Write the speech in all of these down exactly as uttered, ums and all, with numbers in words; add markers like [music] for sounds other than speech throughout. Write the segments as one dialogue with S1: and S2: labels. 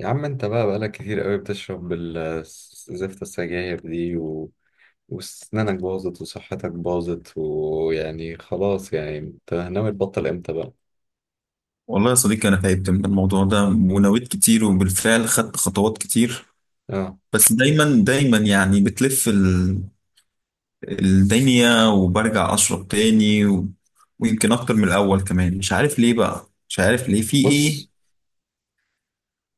S1: يا عم انت بقى بقالك كتير قوي بتشرب ال- زفت السجاير دي و... وسنانك باظت وصحتك باظت ويعني خلاص يعني انت ناوي تبطل امتى بقى.
S2: والله يا صديقي، أنا تعبت من الموضوع ده ونويت كتير وبالفعل خدت خطوات كتير.
S1: اه.
S2: بس دايما دايما يعني بتلف ال- الدنيا وبرجع أشرب تاني و... ويمكن أكتر من الأول كمان. مش عارف ليه بقى، مش عارف ليه في إيه
S1: بص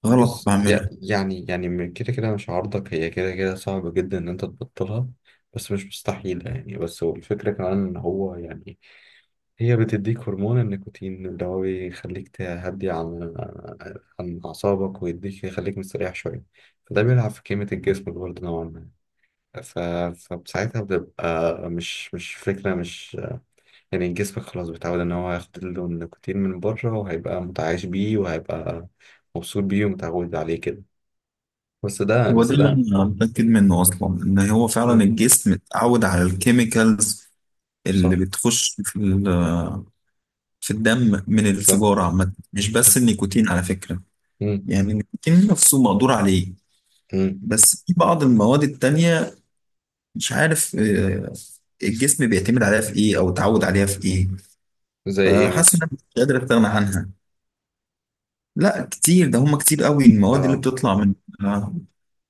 S2: غلط
S1: بص
S2: بعمله.
S1: يع- يعني يعني من كده كده مش عارضك، هي كده كده صعب جدا ان انت تبطلها، بس مش مستحيلة يعني. بس هو الفكرة كمان ان هو يعني هي بتديك هرمون النيكوتين اللي هو بيخليك تهدي عن عن أعصابك ويديك يخليك مستريح شوية، فده بيلعب في كيمياء الجسم برضه نوعا ما. ف... فساعتها بتبقى مش مش فكرة، مش يعني جسمك خلاص بيتعود إن هو ياخد له النيكوتين من بره، وهيبقى متعايش بيه، وهيبقى مبسوط بيه ومتعود عليه كده. بس ده
S2: هو ده
S1: بس
S2: اللي
S1: ده
S2: أنا متأكد منه أصلا، إن هو فعلا
S1: مم.
S2: الجسم اتعود على الكيميكالز
S1: صح
S2: اللي بتخش في ال- في الدم من
S1: صح
S2: السيجارة عامة، مش
S1: صح.
S2: بس النيكوتين على فكرة.
S1: مم.
S2: يعني النيكوتين نفسه مقدور عليه،
S1: مم.
S2: بس في بعض المواد التانية مش عارف آه، الجسم بيعتمد عليها في ايه او اتعود عليها في ايه.
S1: زي إيه
S2: فحاسس ان
S1: مثلا؟
S2: انا مش قادر استغنى عنها. لا كتير، ده هما كتير قوي المواد اللي
S1: آه
S2: بتطلع من آه،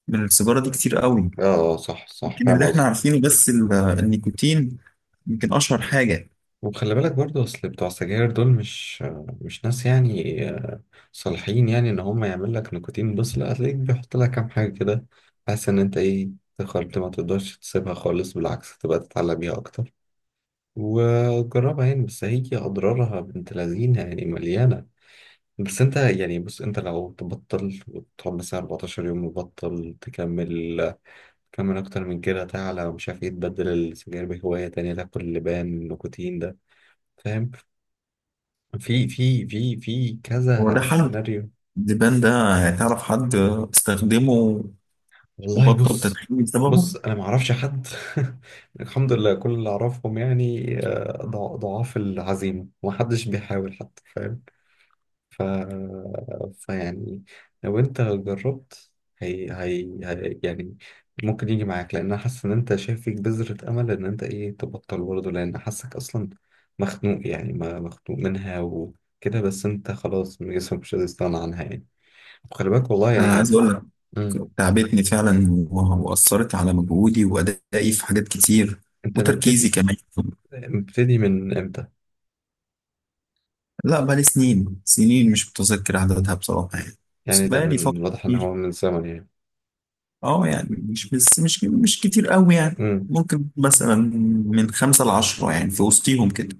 S2: من السيجارة دي، كتير قوي.
S1: آه. آه، صح صح،
S2: يمكن
S1: فاهم
S2: اللي احنا
S1: قصدي.
S2: عارفينه بس ال- آه، النيكوتين، يمكن اشهر حاجة.
S1: وخلي بالك برضو اصل بتوع السجاير دول مش مش ناس يعني آه، صالحين يعني ان هم يعمل لك نيكوتين بس، لا، هتلاقيك بيحط لك كام حاجه كده بحيث ان انت ايه، تخربت، ما تقدرش تسيبها خالص، بالعكس تبقى تتعلق بيها اكتر. وجربها يعني، بس هي اضرارها بنت لذينه يعني، مليانه. بس انت يعني بص، انت لو تبطل وتقعد مثلا 14 يوم مبطل، تكمل تكمل اكتر من كده، تعلى، ومش عارف ايه، تبدل السجاير بهوايه تانية، تاكل لبان نيكوتين ده، فاهم؟ في في في في
S2: هو ده
S1: كذا
S2: حل،
S1: سيناريو.
S2: الدبان ده؟ تعرف حد استخدمه
S1: والله
S2: وبطل
S1: بص،
S2: تدخين بسببه؟
S1: بص انا ما اعرفش حد. [laughs] الحمد لله كل اللي اعرفهم يعني آه، ضع- ضعاف العزيمه، وما حدش بيحاول حتى، فاهم؟ ف فيعني لو انت جربت، هي... هي... هي يعني ممكن يجي معاك، لان انا حاسس ان انت شايف فيك بذرة امل ان انت ايه تبطل برضه، لان حاسك اصلا مخنوق يعني، ما مخنوق منها وكده. بس انت خلاص جسمك مش قادر يستغنى عنها يعني، خلي بالك والله يعني
S2: أنا
S1: هي.
S2: عايز أقول لك،
S1: مم.
S2: تعبتني فعلا و- وأثرت على مجهودي وأدائي في حاجات كتير
S1: انت
S2: وتركيزي
S1: مبتدي،
S2: كمان.
S1: مبتدي من امتى؟
S2: لا، بقالي سنين سنين، مش متذكر عددها بصراحة يعني.
S1: يعني
S2: بس
S1: ده
S2: بقالي
S1: من
S2: فترة
S1: واضح ان
S2: كتير.
S1: هو من زمن يعني.
S2: أه يعني مش بس مش مش كتير أوي يعني.
S1: امم.
S2: ممكن مثلا من خمسة لعشرة، يعني في وسطيهم كده.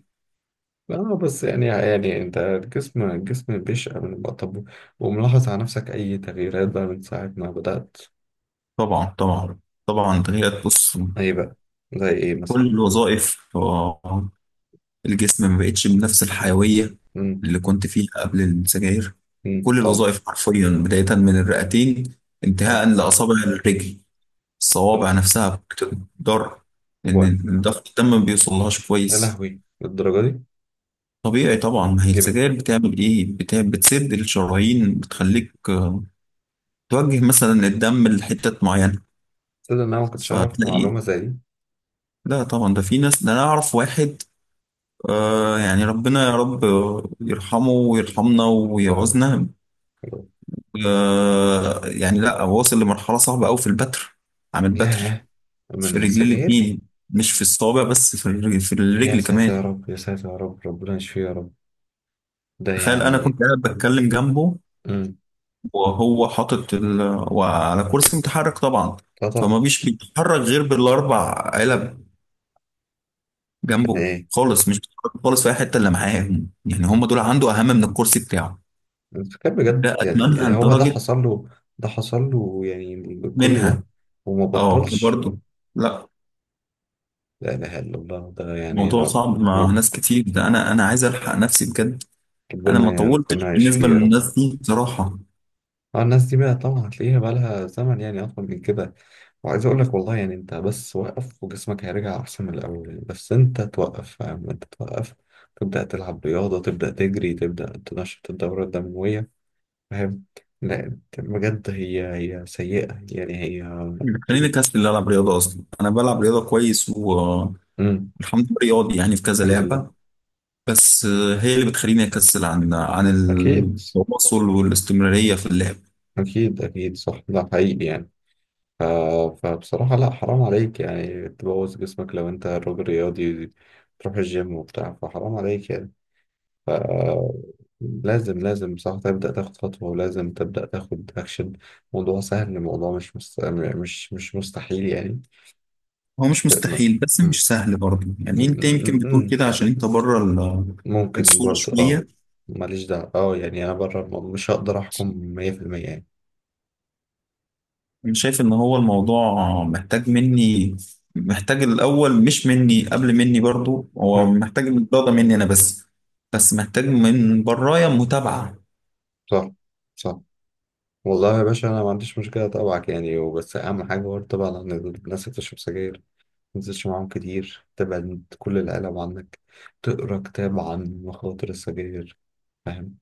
S1: اه، بس يعني يعني انت الجسم الجسم بيشقى من الوقت. طب، وملاحظ على نفسك اي تغييرات بقى من ساعة ما بدأت؟
S2: طبعا طبعا طبعا تغيرت، بص.
S1: ايه بقى، زي ايه مثلا؟
S2: كل الوظائف آه، الجسم ما بقتش بنفس الحيوية
S1: امم.
S2: اللي كنت فيها قبل السجاير.
S1: امم.
S2: كل
S1: طب.
S2: الوظائف حرفيا، بداية من الرئتين
S1: طب.
S2: انتهاء لأصابع الرجل. الصوابع
S1: طب.
S2: نفسها بتضر
S1: وقت.
S2: لأن ضغط الدم ما بيوصلهاش
S1: يا
S2: كويس.
S1: لهوي للدرجة دي؟
S2: طبيعي طبعا، ما هي
S1: دي من-
S2: السجاير بتعمل إيه؟ بت- بتسد الشرايين، بتخليك آه، توجه مثلا الدم لحتة معينة،
S1: تصدق ان انا ما كنتش اعرف
S2: فتلاقي.
S1: معلومة زي دي؟
S2: لا طبعا، ده في ناس. ده أنا أعرف واحد، آه يعني ربنا يا رب يرحمه ويرحمنا
S1: يا رب.
S2: ويعوزنا.
S1: يا رب.
S2: آه يعني لا، واصل لمرحلة صعبة أوي في البتر. عامل بتر
S1: لا،
S2: في
S1: من
S2: رجلي
S1: السجاير؟
S2: الاتنين، مش في الصابع بس، في الرجل, في
S1: يا
S2: الرجل
S1: ساتر يا
S2: كمان.
S1: رب، يا ساتر يا رب، ربنا يشفيه يا رب. ده
S2: تخيل، انا
S1: يعني.
S2: كنت قاعد بتكلم جنبه
S1: امم.
S2: وهو حاطط ال... وعلى كرسي متحرك طبعا.
S1: اه طبعا.
S2: فما بيش بيتحرك غير بالاربع علب جنبه.
S1: يعني ايه؟
S2: خالص مش بيتحرك خالص في اي حته الا معاهم، يعني هم دول عنده اهم من الكرسي بتاعه.
S1: انت فاكر بجد
S2: لا،
S1: يعني
S2: اتمنى
S1: يعني هو ده
S2: لدرجه
S1: حصل له؟ ده حصل له يعني كل
S2: منها.
S1: ده وما
S2: اه
S1: بطلش؟
S2: برضه، لا،
S1: لا اله الا الله، ده يعني
S2: الموضوع
S1: رب،
S2: صعب مع
S1: رب،
S2: ناس كتير. ده انا انا عايز الحق نفسي بجد. انا
S1: ربنا
S2: ما
S1: يعني
S2: طولتش
S1: ربنا
S2: بالنسبه
S1: يشفيه يا رب.
S2: للناس دي بصراحه.
S1: اه الناس دي بقى طبعا هتلاقيها بقى لها زمن يعني اطول من كده. وعايز اقول لك والله يعني انت بس وقف، وجسمك هيرجع احسن من الاول، بس انت توقف، فاهم؟ انت توقف، تبدا تلعب رياضه، تبدا تجري، تبدا تنشط الدوره الدمويه، فاهم؟ لا بجد هي هي سيئة يعني هي.
S2: خليني كاس اللي العب رياضه، اصلا انا بلعب رياضه كويس والحمد
S1: مم.
S2: لله، رياضي يعني في كذا
S1: الحمد لله.
S2: لعبه. بس آه، هي اللي بتخليني اكسل عن عن
S1: أكيد.
S2: التواصل والاستمراريه في اللعب.
S1: أكيد أكيد صح، ده حقيقي يعني. ف... فبصراحة لا، حرام عليك يعني تبوظ جسمك، لو أنت راجل رياضي تروح الجيم وبتاع، فحرام عليك يعني. ف... لازم لازم صح تبدأ تاخد خطوة، ولازم تبدأ تاخد أكشن. موضوع سهل، الموضوع مش مست... مش مش مستحيل يعني.
S2: هو مش
S1: ت...
S2: مستحيل، بس
S1: مم.
S2: مش سهل برضه يعني. انت يمكن بتقول
S1: مم.
S2: كده عشان انت بره ال-
S1: ممكن
S2: الصوره
S1: برضو اه.
S2: شويه.
S1: ماليش دعوة، اه يعني انا بره الموضوع مش هقدر احكم مية في المية يعني.
S2: انا شايف ان هو الموضوع محتاج مني، محتاج الاول مش مني. قبل مني برضه هو
S1: مم.
S2: محتاج الرياضه مني انا، بس بس محتاج من برايا متابعه.
S1: صح صح. والله يا باشا انا ما عنديش مشكلة اتابعك يعني، وبس اهم حاجة برضه طبعا ان الناس اللي بتشرب سجاير ما تنزلش معاهم كتير، تبعد كل العالم عنك، تقرا كتاب عن مخاطر السجاير، فاهم؟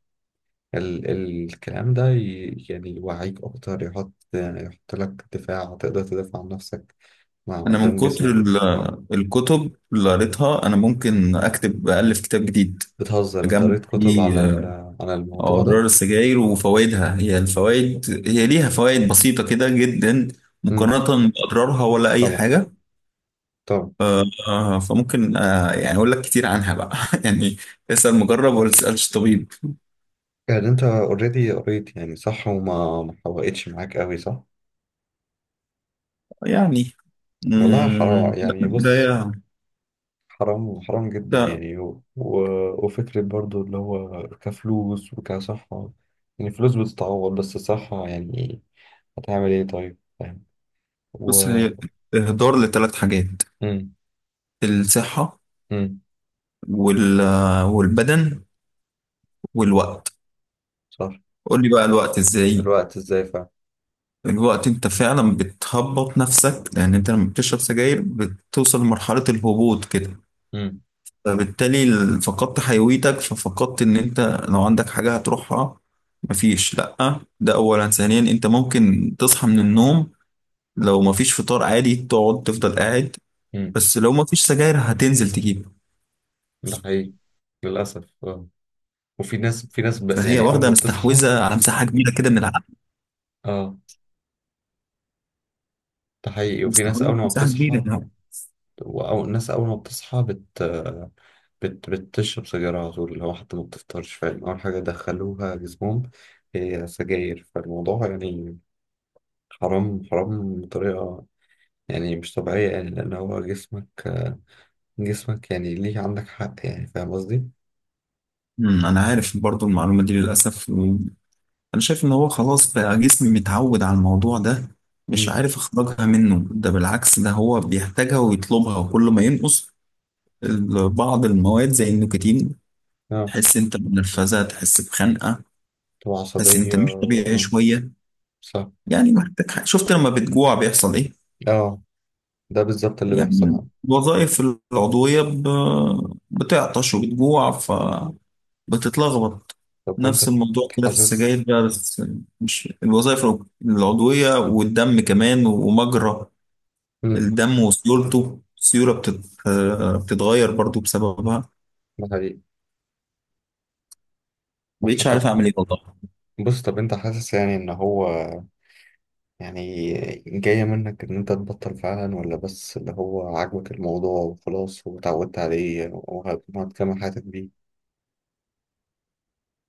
S1: ال ال- الكلام ده ي- يعني يوعيك اكتر، يحط يحط لك دفاع تقدر تدافع عن نفسك مع
S2: انا من
S1: قدام
S2: كتر
S1: جسمك.
S2: ال- الكتب اللي قريتها، انا ممكن اكتب الف كتاب جديد،
S1: بتهزر؟ انت
S2: اجمع
S1: قريت كتب عن
S2: فيه
S1: ال-
S2: آه،
S1: عن الموضوع ده؟
S2: اضرار السجاير وفوائدها. هي الفوائد، هي ليها فوائد بسيطه كده جدا
S1: امم.
S2: مقارنه باضرارها ولا اي
S1: طبعا.
S2: حاجه.
S1: طبعا.
S2: آه، آه، فممكن آه، يعني اقول لك كتير عنها بقى [laughs] يعني. اسال مجرب ولا تسالش طبيب.
S1: يعني انت اوريدي قريت يعني صح، وما ما حوقتش معاك قوي صح.
S2: يعني
S1: والله حرام
S2: مم، لا،
S1: يعني، بص،
S2: القرايه.
S1: حرام حرام جدا
S2: لا،
S1: يعني. و... و... وفكرة برضو اللي هو كفلوس وكصحة، يعني فلوس بتتعوض بس الصحة يعني هتعمل ايه طيب، فاهم؟ و.
S2: بص هي اهدار لثلاث حاجات:
S1: امم.
S2: الصحه
S1: امم.
S2: وال- آه، والبدن والوقت.
S1: صح.
S2: قول لي بقى الوقت ازاي.
S1: الوقت ازاي فعلا.
S2: الوقت، انت فعلا بتهبط نفسك لان انت لما بتشرب سجاير بتوصل لمرحلة الهبوط كده.
S1: امم.
S2: فبالتالي ال- فقدت حيويتك، ففقدت ان انت لو عندك حاجة هتروحها مفيش. لأ، ده اولا. ثانيا، انت ممكن تصحى من النوم لو مفيش فطار عادي تقعد تفضل قاعد،
S1: امم.
S2: بس لو مفيش سجاير هتنزل تجيب.
S1: ده حقيقي، للأسف اه. وفي ناس، في ناس ب...
S2: فهي
S1: يعني أول
S2: واخدة
S1: ما بتصحى.
S2: مستحوذة على مساحة كبيرة كده من العقل،
S1: اه. ده حقيقي، وفي ناس
S2: مستحوذة على
S1: أول ما
S2: مساحة كبيرة
S1: بتصحى.
S2: يعني.
S1: وأو الناس أول ما بتصحى بت... بت... بتشرب سجاير على طول، اللي هو حتى ما بتفطرش، فاهم؟ أول حاجة دخلوها جسمهم هي سجاير، فالموضوع يعني حرام، حرام بطريقة يعني مش طبيعية يعني، لأن هو جسمك، جسمك يعني ليه، عندك حق يعني، فاهم قصدي؟
S2: امم، انا عارف برضو المعلومة دي للأسف. انا شايف ان هو خلاص بقى جسمي متعود على الموضوع ده، مش
S1: مم.
S2: عارف اخرجها منه. ده بالعكس، ده هو بيحتاجها ويطلبها. وكل ما ينقص ال- بعض المواد زي النيكوتين،
S1: اه،
S2: تحس انت بنرفزه، تحس بخنقه،
S1: تبقى
S2: تحس انت
S1: عصبية
S2: مش طبيعي
S1: آه،
S2: شويه،
S1: صح.
S2: يعني محتاج حاجة. شفت لما بتجوع بيحصل ايه؟
S1: اه، ده بالظبط اللي
S2: يعني
S1: بيحصل.
S2: الوظائف العضويه ب- بتعطش وبتجوع، بتتلخبط.
S1: طب،
S2: نفس
S1: وأنت
S2: الموضوع كده في السجاير
S1: حاسس.
S2: بقى، بس مش الوظائف العضوية، والدم كمان ومجرى
S1: مم.
S2: الدم وسيولته. السيولة بتت... آه، بتتغير برضو بسببها.
S1: ده حقيقي.
S2: مبقتش
S1: وحتى،
S2: عارف أعمل إيه والله.
S1: بص طب أنت حاسس يعني إن هو يعني جاية منك إن أنت تبطل فعلا، ولا بس اللي هو عاجبك الموضوع وخلاص واتعودت عليه وهتكمل حياتك بيه؟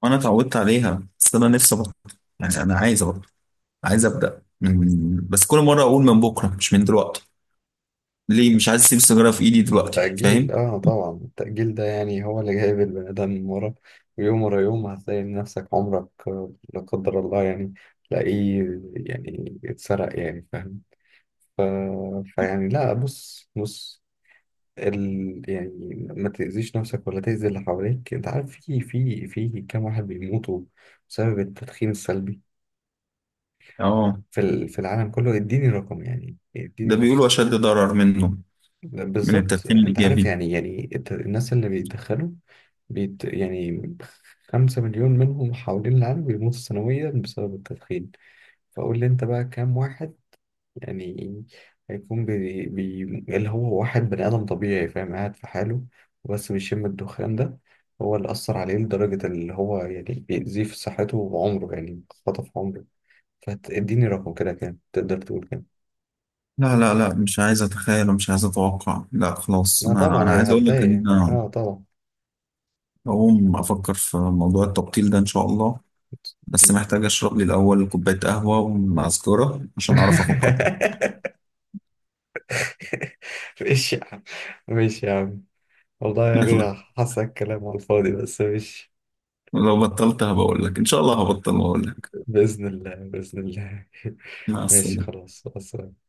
S2: وأنا اتعودت عليها، بس أنا نفسي أبطل، يعني أنا عايز أبطل. عايز أبدأ من- بس كل مرة أقول من بكرة مش من دلوقتي. ليه مش عايز أسيب السيجارة في إيدي دلوقتي؟
S1: تأجيل؟
S2: فاهم؟
S1: آه طبعا التأجيل ده يعني هو اللي جايب البني آدم ورا، ويوم ورا يوم هتلاقي نفسك عمرك آه، لا قدر الله يعني، تلاقيه يعني اتسرق يعني، فاهم؟ ف... فيعني لا، بص بص ال... يعني ما تأذيش نفسك ولا تأذي اللي حواليك. أنت عارف في في في كام واحد بيموتوا بسبب التدخين السلبي
S2: آه،
S1: في ال- في العالم كله؟ اديني رقم يعني، اديني
S2: ده
S1: رقم.
S2: بيقولوا أشد ضرر منه من
S1: بالظبط،
S2: التدخين
S1: انت عارف
S2: الإيجابي.
S1: يعني يعني الت- الناس اللي بيتدخلوا، بيت يعني. خمسة مليون منهم حوالين العالم بيموتوا سنويا بسبب التدخين. فقول لي انت بقى كام واحد يعني هيكون بي بي، اللي هو واحد بني آدم طبيعي فاهم، قاعد في حاله، وبس بيشم الدخان ده، هو اللي أثر عليه لدرجة اللي هو يعني بيأذيه في صحته وعمره، يعني خطف عمره. فاديني رقم كده، كام تقدر تقول كام؟
S2: لا لا لا مش عايز اتخيل ومش عايز اتوقع. لا خلاص،
S1: لا
S2: انا
S1: طبعا
S2: انا
S1: هي
S2: عايز اقول لك
S1: هتضايق
S2: ان
S1: يعني،
S2: انا
S1: اه طبعا.
S2: هقوم افكر في موضوع التبطيل ده ان شاء الله. بس محتاج اشرب لي الاول كوبايه قهوه ومعسكرة عشان اعرف افكر [laughs]
S1: [laughs] ماشي يا عم، ماشي يا عم، والله
S2: يلا،
S1: يعني حاسك كلام على الفاضي، بس ماشي.
S2: لو بطلت هبقول لك ان شاء الله هبطل واقول لك.
S1: بإذن الله، بإذن الله. [laughs]
S2: مع
S1: ماشي،
S2: السلامه.
S1: خلاص خلاص.